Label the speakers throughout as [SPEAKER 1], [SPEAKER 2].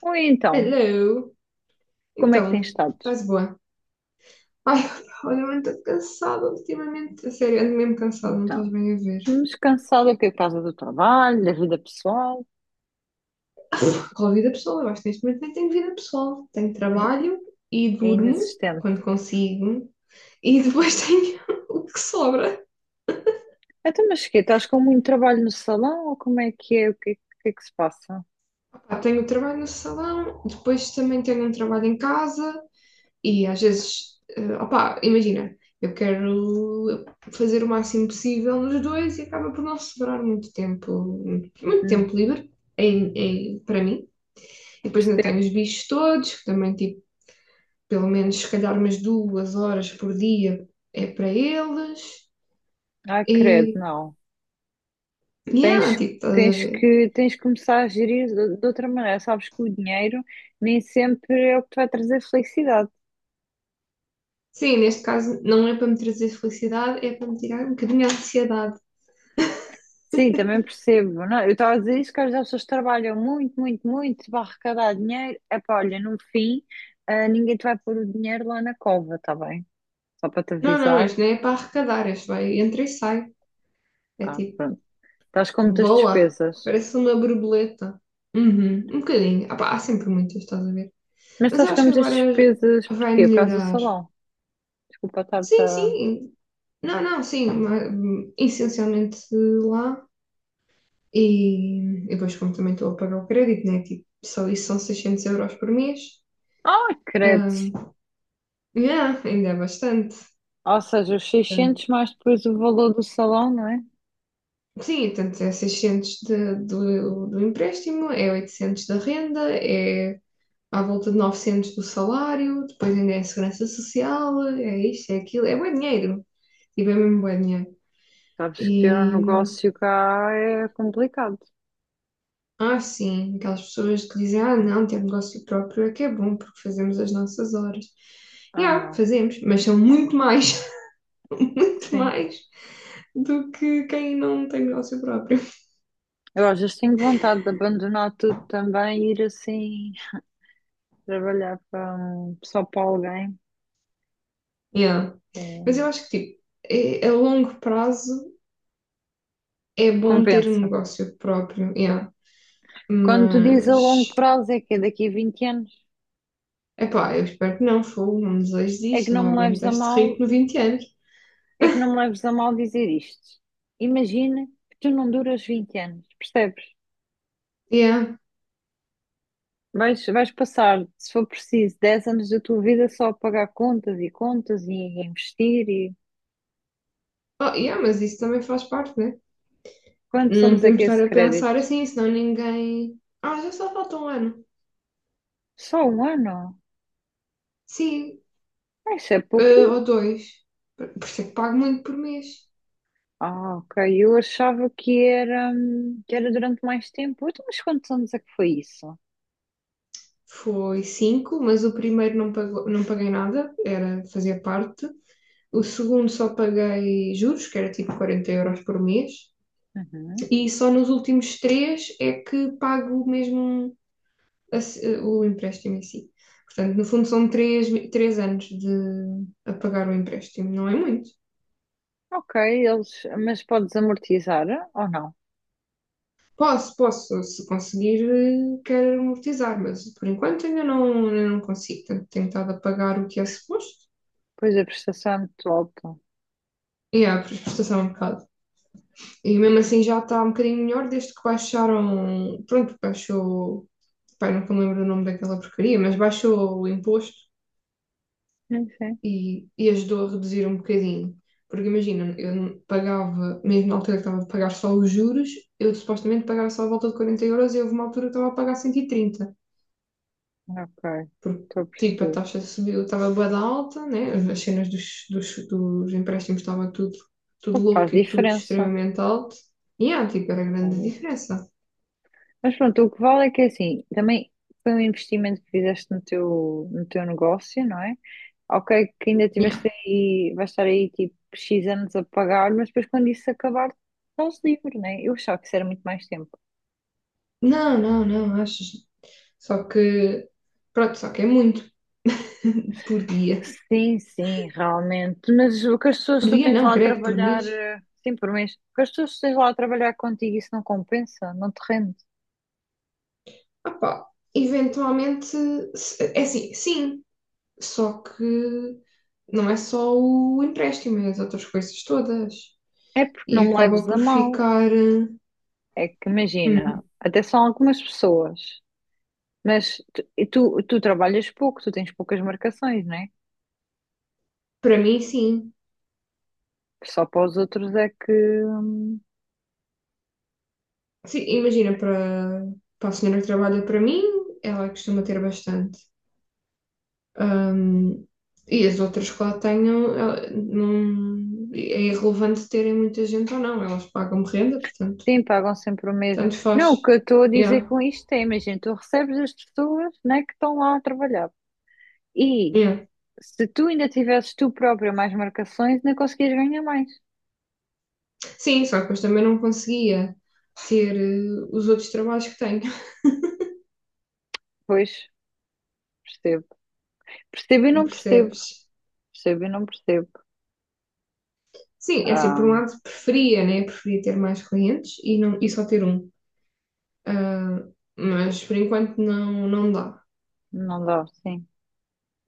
[SPEAKER 1] Oi, então,
[SPEAKER 2] Hello!
[SPEAKER 1] como é que tens
[SPEAKER 2] Então,
[SPEAKER 1] estado?
[SPEAKER 2] estás boa? Ai, olha, eu estou cansada ultimamente. A sério, ando mesmo cansada, não estás
[SPEAKER 1] Então,
[SPEAKER 2] bem a ver.
[SPEAKER 1] mas cansada aqui por causa do trabalho, da vida pessoal,
[SPEAKER 2] Qual vida pessoal? Eu acho que neste momento nem tenho vida pessoal. Tenho trabalho e
[SPEAKER 1] é
[SPEAKER 2] durmo
[SPEAKER 1] inexistente.
[SPEAKER 2] quando consigo. E depois tenho o que sobra.
[SPEAKER 1] Então, mas que estás com muito trabalho no salão ou como é que é? O que é que se passa?
[SPEAKER 2] Pá, tenho o trabalho no salão, depois também tenho um trabalho em casa. E às vezes, opá, imagina, eu quero fazer o máximo possível nos dois e acaba por não sobrar muito
[SPEAKER 1] Hum,
[SPEAKER 2] tempo livre em, para mim. E depois ainda tenho os
[SPEAKER 1] percebo.
[SPEAKER 2] bichos todos, que também, tipo, pelo menos se calhar umas 2 horas por dia é para eles.
[SPEAKER 1] Ai, credo,
[SPEAKER 2] E,
[SPEAKER 1] não. Tens,
[SPEAKER 2] yeah, tipo, estás a
[SPEAKER 1] tens
[SPEAKER 2] ver?
[SPEAKER 1] que, tens que começar a gerir de outra maneira. Sabes que o dinheiro nem sempre é o que te vai trazer felicidade.
[SPEAKER 2] Sim, neste caso não é para me trazer felicidade, é para me tirar um bocadinho a ansiedade.
[SPEAKER 1] Sim, também percebo. Não, é? Eu estava a dizer isso que às vezes as pessoas trabalham muito, muito, muito para arrecadar dinheiro. É pá, olha, no fim, ah, ninguém te vai pôr o dinheiro lá na cova, está bem? Só para te
[SPEAKER 2] Não, não,
[SPEAKER 1] avisar.
[SPEAKER 2] este não é para arrecadar, este vai, entra e sai. É
[SPEAKER 1] Ah,
[SPEAKER 2] tipo,
[SPEAKER 1] pronto. Estás com muitas
[SPEAKER 2] boa.
[SPEAKER 1] despesas.
[SPEAKER 2] Parece uma borboleta. Uhum, um bocadinho. Ah, pá, há sempre muitas, estás a ver?
[SPEAKER 1] Mas
[SPEAKER 2] Mas eu
[SPEAKER 1] estás com
[SPEAKER 2] acho que
[SPEAKER 1] muitas
[SPEAKER 2] agora
[SPEAKER 1] despesas
[SPEAKER 2] vai
[SPEAKER 1] porquê? Por causa do
[SPEAKER 2] melhorar.
[SPEAKER 1] salão. Desculpa estar-te
[SPEAKER 2] Sim,
[SPEAKER 1] a...
[SPEAKER 2] sim. Não, não, sim. Essencialmente lá. E depois, como também estou a pagar o crédito, né? Tipo, só isso são 600 euros por mês.
[SPEAKER 1] Ah, credo.
[SPEAKER 2] Ah, yeah, ainda é bastante.
[SPEAKER 1] Ou seja, os
[SPEAKER 2] Portanto,
[SPEAKER 1] 600 mais depois o valor do salão, não é?
[SPEAKER 2] sim, tanto é 600 do empréstimo, é 800 da renda, é à volta de 900 do salário, depois ainda é segurança social, é isto, é aquilo, é bom dinheiro, tipo, é mesmo bom dinheiro.
[SPEAKER 1] Sabes que ter um
[SPEAKER 2] E,
[SPEAKER 1] negócio cá é complicado.
[SPEAKER 2] ah, sim, aquelas pessoas que dizem, ah, não, ter negócio próprio é que é bom, porque fazemos as nossas horas. E,
[SPEAKER 1] Ah,
[SPEAKER 2] ah,
[SPEAKER 1] não.
[SPEAKER 2] fazemos, mas são muito mais, muito
[SPEAKER 1] Sim.
[SPEAKER 2] mais do que quem não tem negócio próprio.
[SPEAKER 1] Eu às vezes tenho vontade de abandonar tudo também e ir assim trabalhar para só para alguém.
[SPEAKER 2] Yeah.
[SPEAKER 1] É,
[SPEAKER 2] Mas eu acho que, tipo, a longo prazo é bom ter um
[SPEAKER 1] compensa.
[SPEAKER 2] negócio próprio, yeah.
[SPEAKER 1] Quando tu dizes a longo
[SPEAKER 2] Mas
[SPEAKER 1] prazo é que é daqui a 20 anos,
[SPEAKER 2] epá, eu espero que não, fogo, não desejo
[SPEAKER 1] é que
[SPEAKER 2] isto, eu não
[SPEAKER 1] não me leves
[SPEAKER 2] aguento
[SPEAKER 1] a
[SPEAKER 2] este
[SPEAKER 1] mal,
[SPEAKER 2] ritmo 20 anos.
[SPEAKER 1] é que não me leves a mal dizer isto. Imagina que tu não duras 20 anos, percebes?
[SPEAKER 2] Yeah.
[SPEAKER 1] Vais passar, se for preciso, 10 anos da tua vida só a pagar contas e contas e a investir e
[SPEAKER 2] Oh, yeah, mas isso também faz parte, né?
[SPEAKER 1] quantos
[SPEAKER 2] Não
[SPEAKER 1] anos é que
[SPEAKER 2] podemos
[SPEAKER 1] é esse
[SPEAKER 2] estar a pensar
[SPEAKER 1] crédito?
[SPEAKER 2] assim, senão ninguém. Ah, já só falta um ano.
[SPEAKER 1] Só um ano?
[SPEAKER 2] Sim,
[SPEAKER 1] Isso é
[SPEAKER 2] ou
[SPEAKER 1] pouco.
[SPEAKER 2] dois. Por isso é que pago muito por mês.
[SPEAKER 1] Ah, ok. Eu achava que era durante mais tempo. Então, mas quantos anos é que foi isso?
[SPEAKER 2] Foi cinco, mas o primeiro não, pagou, não paguei nada, era fazer parte. O segundo só paguei juros, que era tipo 40 euros por mês.
[SPEAKER 1] Uhum.
[SPEAKER 2] E só nos últimos três é que pago mesmo a se- o empréstimo em si. Portanto, no fundo são três anos de a pagar o empréstimo, não é muito.
[SPEAKER 1] Ok, mas podes amortizar ou não?
[SPEAKER 2] Posso, posso, se conseguir, quero amortizar, mas por enquanto ainda não consigo. Portanto, tenho estado a pagar o que é suposto.
[SPEAKER 1] Pois a prestação é muito alta.
[SPEAKER 2] E a prestação é um bocado. E mesmo assim já está um bocadinho melhor desde que baixaram. Pronto, baixou. Pai, nunca me lembro o nome daquela porcaria, mas baixou o imposto
[SPEAKER 1] Sim, sim.
[SPEAKER 2] e ajudou a reduzir um bocadinho. Porque imagina, eu não pagava, mesmo na altura que estava a pagar só os juros, eu supostamente pagava só a volta de 40 euros e houve uma altura que estava a pagar 130
[SPEAKER 1] Ok,
[SPEAKER 2] porque
[SPEAKER 1] estou a
[SPEAKER 2] tipo a
[SPEAKER 1] perceber.
[SPEAKER 2] taxa subiu, estava bué da alta, né? As cenas dos empréstimos estavam tudo,
[SPEAKER 1] O
[SPEAKER 2] tudo
[SPEAKER 1] que faz
[SPEAKER 2] louco e tudo
[SPEAKER 1] diferença.
[SPEAKER 2] extremamente alto. E yeah, tipo, era grande a diferença.
[SPEAKER 1] Mas pronto, o que vale é que é assim, também foi um investimento que fizeste no teu negócio, não é? Ok, que ainda
[SPEAKER 2] Yeah.
[SPEAKER 1] tiveste aí, vais estar aí tipo X anos a pagar, mas depois quando isso acabar, estás livre, não é? Eu achava que isso era muito mais tempo.
[SPEAKER 2] Não, não, não, achas? Só que, pronto, só que é muito por dia.
[SPEAKER 1] Sim, sim, realmente. Mas o que as pessoas
[SPEAKER 2] Por
[SPEAKER 1] que tu
[SPEAKER 2] dia
[SPEAKER 1] tens
[SPEAKER 2] não,
[SPEAKER 1] lá a
[SPEAKER 2] credo, por mês.
[SPEAKER 1] trabalhar, sim, por mês, o que as pessoas que tu tens lá a trabalhar contigo, isso não compensa, não te rende.
[SPEAKER 2] Opá, eventualmente, é assim, sim, só que não é só o empréstimo, é as outras coisas todas.
[SPEAKER 1] É porque
[SPEAKER 2] E
[SPEAKER 1] não me
[SPEAKER 2] acaba
[SPEAKER 1] leves a
[SPEAKER 2] por
[SPEAKER 1] mal.
[SPEAKER 2] ficar.
[SPEAKER 1] É que imagina,
[SPEAKER 2] Hum,
[SPEAKER 1] até são algumas pessoas. Mas tu trabalhas pouco, tu tens poucas marcações, não é?
[SPEAKER 2] para mim, sim.
[SPEAKER 1] Só para os outros é que hum,
[SPEAKER 2] Sim, imagina, para a senhora que trabalha para mim, ela costuma ter bastante. Hum, e as outras que lá tenham, não, é irrelevante terem muita gente ou não, elas pagam renda, portanto,
[SPEAKER 1] sim, pagam sempre o mesmo.
[SPEAKER 2] tanto
[SPEAKER 1] Não, o que
[SPEAKER 2] faz.
[SPEAKER 1] eu estou a dizer
[SPEAKER 2] Yeah,
[SPEAKER 1] com isto é, imagina, tu recebes as pessoas, né, que estão lá a trabalhar. E
[SPEAKER 2] yeah.
[SPEAKER 1] se tu ainda tivesses tu própria mais marcações, não conseguias ganhar mais.
[SPEAKER 2] Sim, só que depois também não conseguia ter os outros trabalhos que tenho,
[SPEAKER 1] Pois, percebo. Percebo e não percebo.
[SPEAKER 2] percebes?
[SPEAKER 1] Percebo e não percebo.
[SPEAKER 2] Sim, é assim, por um
[SPEAKER 1] Ah,
[SPEAKER 2] lado preferia, né? Preferia ter mais clientes e, não, e só ter um. Ah, mas por enquanto não, não dá.
[SPEAKER 1] não dá, sim.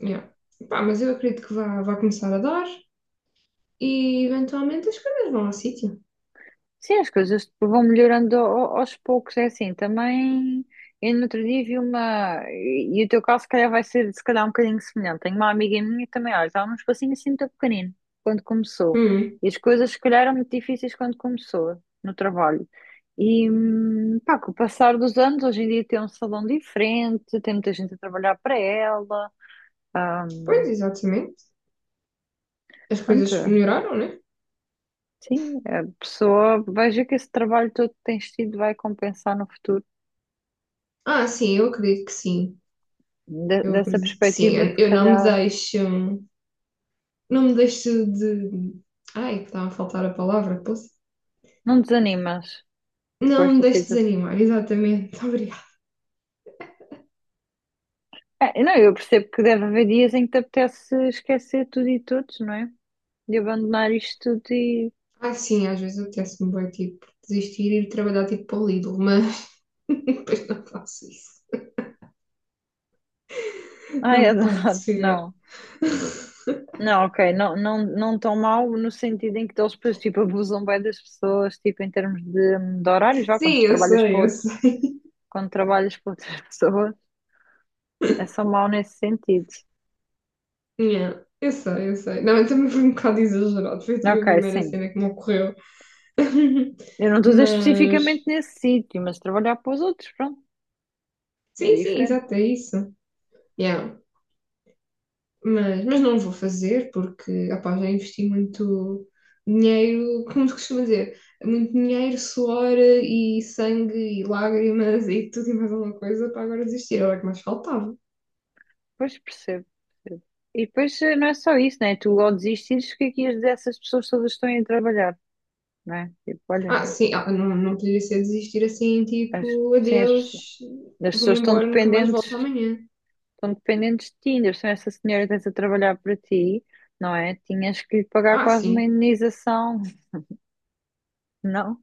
[SPEAKER 2] Yeah. Pá, mas eu acredito que vá começar a dar e eventualmente as coisas vão ao sítio.
[SPEAKER 1] Sim, as coisas vão melhorando aos poucos, é assim, também eu no outro dia vi uma, e o teu caso se calhar vai ser se calhar um bocadinho semelhante, tenho uma amiga minha que também, olha, estava num espacinho assim muito pequenino, quando começou,
[SPEAKER 2] Hum,
[SPEAKER 1] e as coisas se calhar eram muito difíceis quando começou, no trabalho, e pá, com o passar dos anos, hoje em dia tem um salão diferente, tem muita gente a trabalhar para ela, ah,
[SPEAKER 2] pois, exatamente. As coisas
[SPEAKER 1] anda,
[SPEAKER 2] melhoraram, né?
[SPEAKER 1] sim, a pessoa vai ver que esse trabalho todo que tens tido vai compensar no futuro
[SPEAKER 2] Ah, sim, eu acredito que sim. Eu
[SPEAKER 1] dessa
[SPEAKER 2] acredito que sim.
[SPEAKER 1] perspectiva, se
[SPEAKER 2] Eu não me
[SPEAKER 1] calhar,
[SPEAKER 2] deixo. Não me deixe de. Ai, estava a faltar a palavra, posso?
[SPEAKER 1] não desanimas com
[SPEAKER 2] Não me
[SPEAKER 1] estas
[SPEAKER 2] deixe
[SPEAKER 1] situações.
[SPEAKER 2] desanimar, exatamente. Obrigada.
[SPEAKER 1] É, não, eu percebo que deve haver dias em que te apetece esquecer tudo e todos, não é? De abandonar isto tudo e.
[SPEAKER 2] Ah, sim, às vezes apetece-me bem, tipo, desistir e ir trabalhar, tipo, para o Lidl, mas depois não faço isso.
[SPEAKER 1] Ai,
[SPEAKER 2] Não pode
[SPEAKER 1] adoro.
[SPEAKER 2] ser.
[SPEAKER 1] Não. Não, ok, não, não, não tão mal no sentido em que eles depois, tipo, abusam bem das pessoas, tipo, em termos de horários, vá, quando
[SPEAKER 2] Sim,
[SPEAKER 1] tu
[SPEAKER 2] eu
[SPEAKER 1] trabalhas para
[SPEAKER 2] sei, eu
[SPEAKER 1] outros,
[SPEAKER 2] sei.
[SPEAKER 1] quando trabalhas para outras pessoas, é só mal nesse sentido.
[SPEAKER 2] Yeah, eu sei, eu sei. Não, eu também fui um bocado exagerado. Foi tipo a
[SPEAKER 1] Ok,
[SPEAKER 2] primeira
[SPEAKER 1] sim.
[SPEAKER 2] cena que me ocorreu.
[SPEAKER 1] Eu não estou a dizer
[SPEAKER 2] Mas,
[SPEAKER 1] especificamente nesse sítio, mas trabalhar para os outros, pronto, é
[SPEAKER 2] sim, sim,
[SPEAKER 1] diferente.
[SPEAKER 2] exato, é isso. Yeah. Mas não vou fazer porque, opá, já investi muito dinheiro, como se costuma dizer, muito dinheiro, suor e sangue e lágrimas e tudo e mais alguma coisa para agora desistir, era o que mais faltava.
[SPEAKER 1] Pois percebo. Percebo. E depois não é só isso, né? Tu ao desistires, o que é que ias dizer a essas pessoas todas que estão aí a trabalhar, não é? Tipo, olha,
[SPEAKER 2] Ah, sim, ah, não, não poderia ser desistir assim,
[SPEAKER 1] as,
[SPEAKER 2] tipo,
[SPEAKER 1] sim, as, pessoas-
[SPEAKER 2] adeus,
[SPEAKER 1] as
[SPEAKER 2] vou-me
[SPEAKER 1] pessoas
[SPEAKER 2] embora, nunca mais volto amanhã.
[SPEAKER 1] estão dependentes de ti, ainda se essa senhora estás a trabalhar para ti, não é? Tinhas que lhe pagar
[SPEAKER 2] Ah,
[SPEAKER 1] quase uma
[SPEAKER 2] sim,
[SPEAKER 1] indenização, não?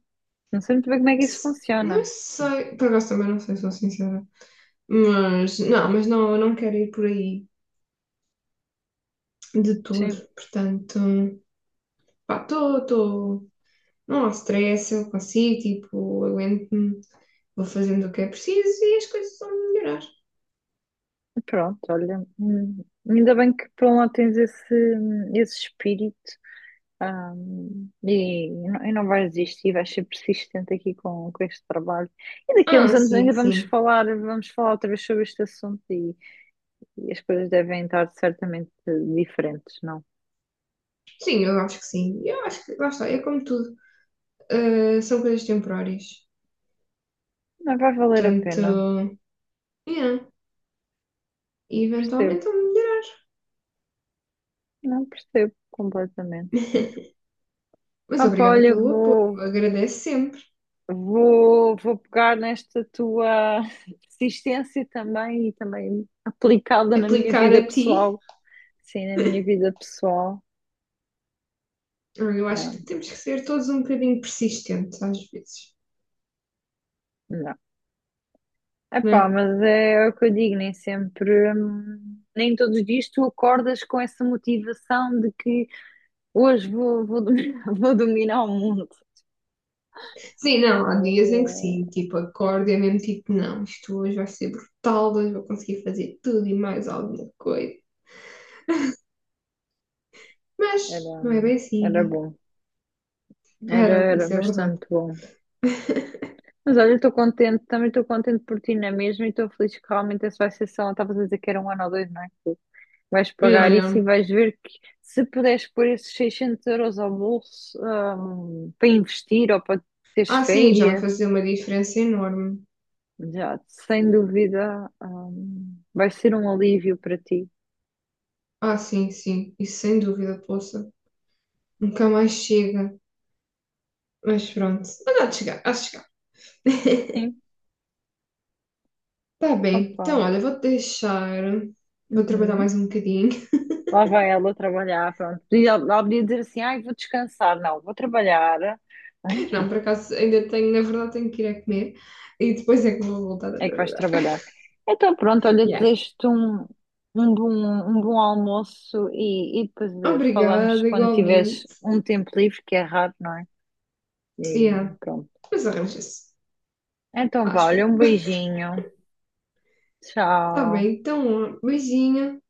[SPEAKER 1] Não sei muito bem como é que isso
[SPEAKER 2] Não
[SPEAKER 1] funciona.
[SPEAKER 2] sei, por acaso também não sei, sou sincera. Mas não, eu não quero ir por aí de todo,
[SPEAKER 1] Sim,
[SPEAKER 2] portanto, pá, estou. Não há stress, eu consigo, tipo, aguento-me, vou fazendo o que é preciso e as coisas vão melhorar.
[SPEAKER 1] pronto, olha, ainda bem que por um lado tens esse, esse espírito. E não, eu não vais desistir, vais ser persistente aqui com este trabalho. E daqui a uns
[SPEAKER 2] Ah,
[SPEAKER 1] anos
[SPEAKER 2] sim,
[SPEAKER 1] ainda
[SPEAKER 2] sim.
[SPEAKER 1] vamos falar outra vez sobre este assunto e as coisas devem estar certamente diferentes, não?
[SPEAKER 2] Sim, eu acho que sim. Eu acho que, lá está, é como tudo. Ah, são coisas temporárias.
[SPEAKER 1] Não vai valer a
[SPEAKER 2] Portanto,
[SPEAKER 1] pena,
[SPEAKER 2] yeah, e
[SPEAKER 1] percebo,
[SPEAKER 2] eventualmente vão melhorar.
[SPEAKER 1] não percebo completamente.
[SPEAKER 2] Mas
[SPEAKER 1] Ah, pá,
[SPEAKER 2] obrigada
[SPEAKER 1] olha,
[SPEAKER 2] pelo apoio, eu
[SPEAKER 1] vou,
[SPEAKER 2] agradeço sempre.
[SPEAKER 1] vou, vou pegar nesta tua persistência também e também aplicá-la na minha
[SPEAKER 2] Aplicar
[SPEAKER 1] vida
[SPEAKER 2] a ti,
[SPEAKER 1] pessoal. Sim, na minha vida pessoal.
[SPEAKER 2] eu acho
[SPEAKER 1] Não,
[SPEAKER 2] que temos que ser todos um bocadinho persistentes às vezes,
[SPEAKER 1] não.
[SPEAKER 2] não
[SPEAKER 1] Epá,
[SPEAKER 2] é?
[SPEAKER 1] mas é o que eu digo, nem sempre, nem todos os dias tu acordas com essa motivação de que hoje vou dominar o mundo.
[SPEAKER 2] Sim, não, há dias em que
[SPEAKER 1] Oh,
[SPEAKER 2] sim, tipo, acordo e é mesmo tipo, não, isto hoje vai ser brutal, hoje vou conseguir fazer tudo e mais alguma coisa. Mas
[SPEAKER 1] era,
[SPEAKER 2] não é bem
[SPEAKER 1] era
[SPEAKER 2] assim.
[SPEAKER 1] bom,
[SPEAKER 2] Né? Era,
[SPEAKER 1] era
[SPEAKER 2] isso é verdade.
[SPEAKER 1] bastante bom. Mas olha, eu estou contente, também estou contente por ti na mesma e estou feliz que realmente essa vai ser só, estavas a dizer que era um ano ou dois, não é? Que vais
[SPEAKER 2] Eu não
[SPEAKER 1] pagar isso e
[SPEAKER 2] lembro.
[SPEAKER 1] vais ver que se puderes pôr esses 600 euros ao bolso, para investir ou para teres
[SPEAKER 2] Ah, sim, já vai
[SPEAKER 1] férias.
[SPEAKER 2] fazer uma diferença enorme.
[SPEAKER 1] Já, sem dúvida, vai ser um alívio para ti.
[SPEAKER 2] Ah, sim, sim, isso sem dúvida, poça. Nunca mais chega. Mas pronto, mas há de chegar, há de chegar.
[SPEAKER 1] Sim,
[SPEAKER 2] Tá bem,
[SPEAKER 1] opa.
[SPEAKER 2] então olha, vou-te deixar. Vou trabalhar
[SPEAKER 1] Uhum.
[SPEAKER 2] mais um bocadinho.
[SPEAKER 1] Lá vai ela trabalhar, pronto. Ela podia dizer assim, ai, vou descansar. Não, vou trabalhar.
[SPEAKER 2] Não, por acaso ainda tenho, na verdade, tenho que ir a comer e depois é que vou voltar a
[SPEAKER 1] É que vais
[SPEAKER 2] trabalhar.
[SPEAKER 1] trabalhar. Então, pronto, olha,
[SPEAKER 2] Yeah.
[SPEAKER 1] desejo-te um bom, um bom almoço e depois falamos
[SPEAKER 2] Obrigada,
[SPEAKER 1] quando tiveres
[SPEAKER 2] igualmente.
[SPEAKER 1] um tempo livre, que é raro, não é? E
[SPEAKER 2] Yeah,
[SPEAKER 1] pronto.
[SPEAKER 2] mas arranja-se,
[SPEAKER 1] Então, vá,
[SPEAKER 2] acho.
[SPEAKER 1] olha, um beijinho.
[SPEAKER 2] Está
[SPEAKER 1] Tchau.
[SPEAKER 2] bem, então, ó, beijinho.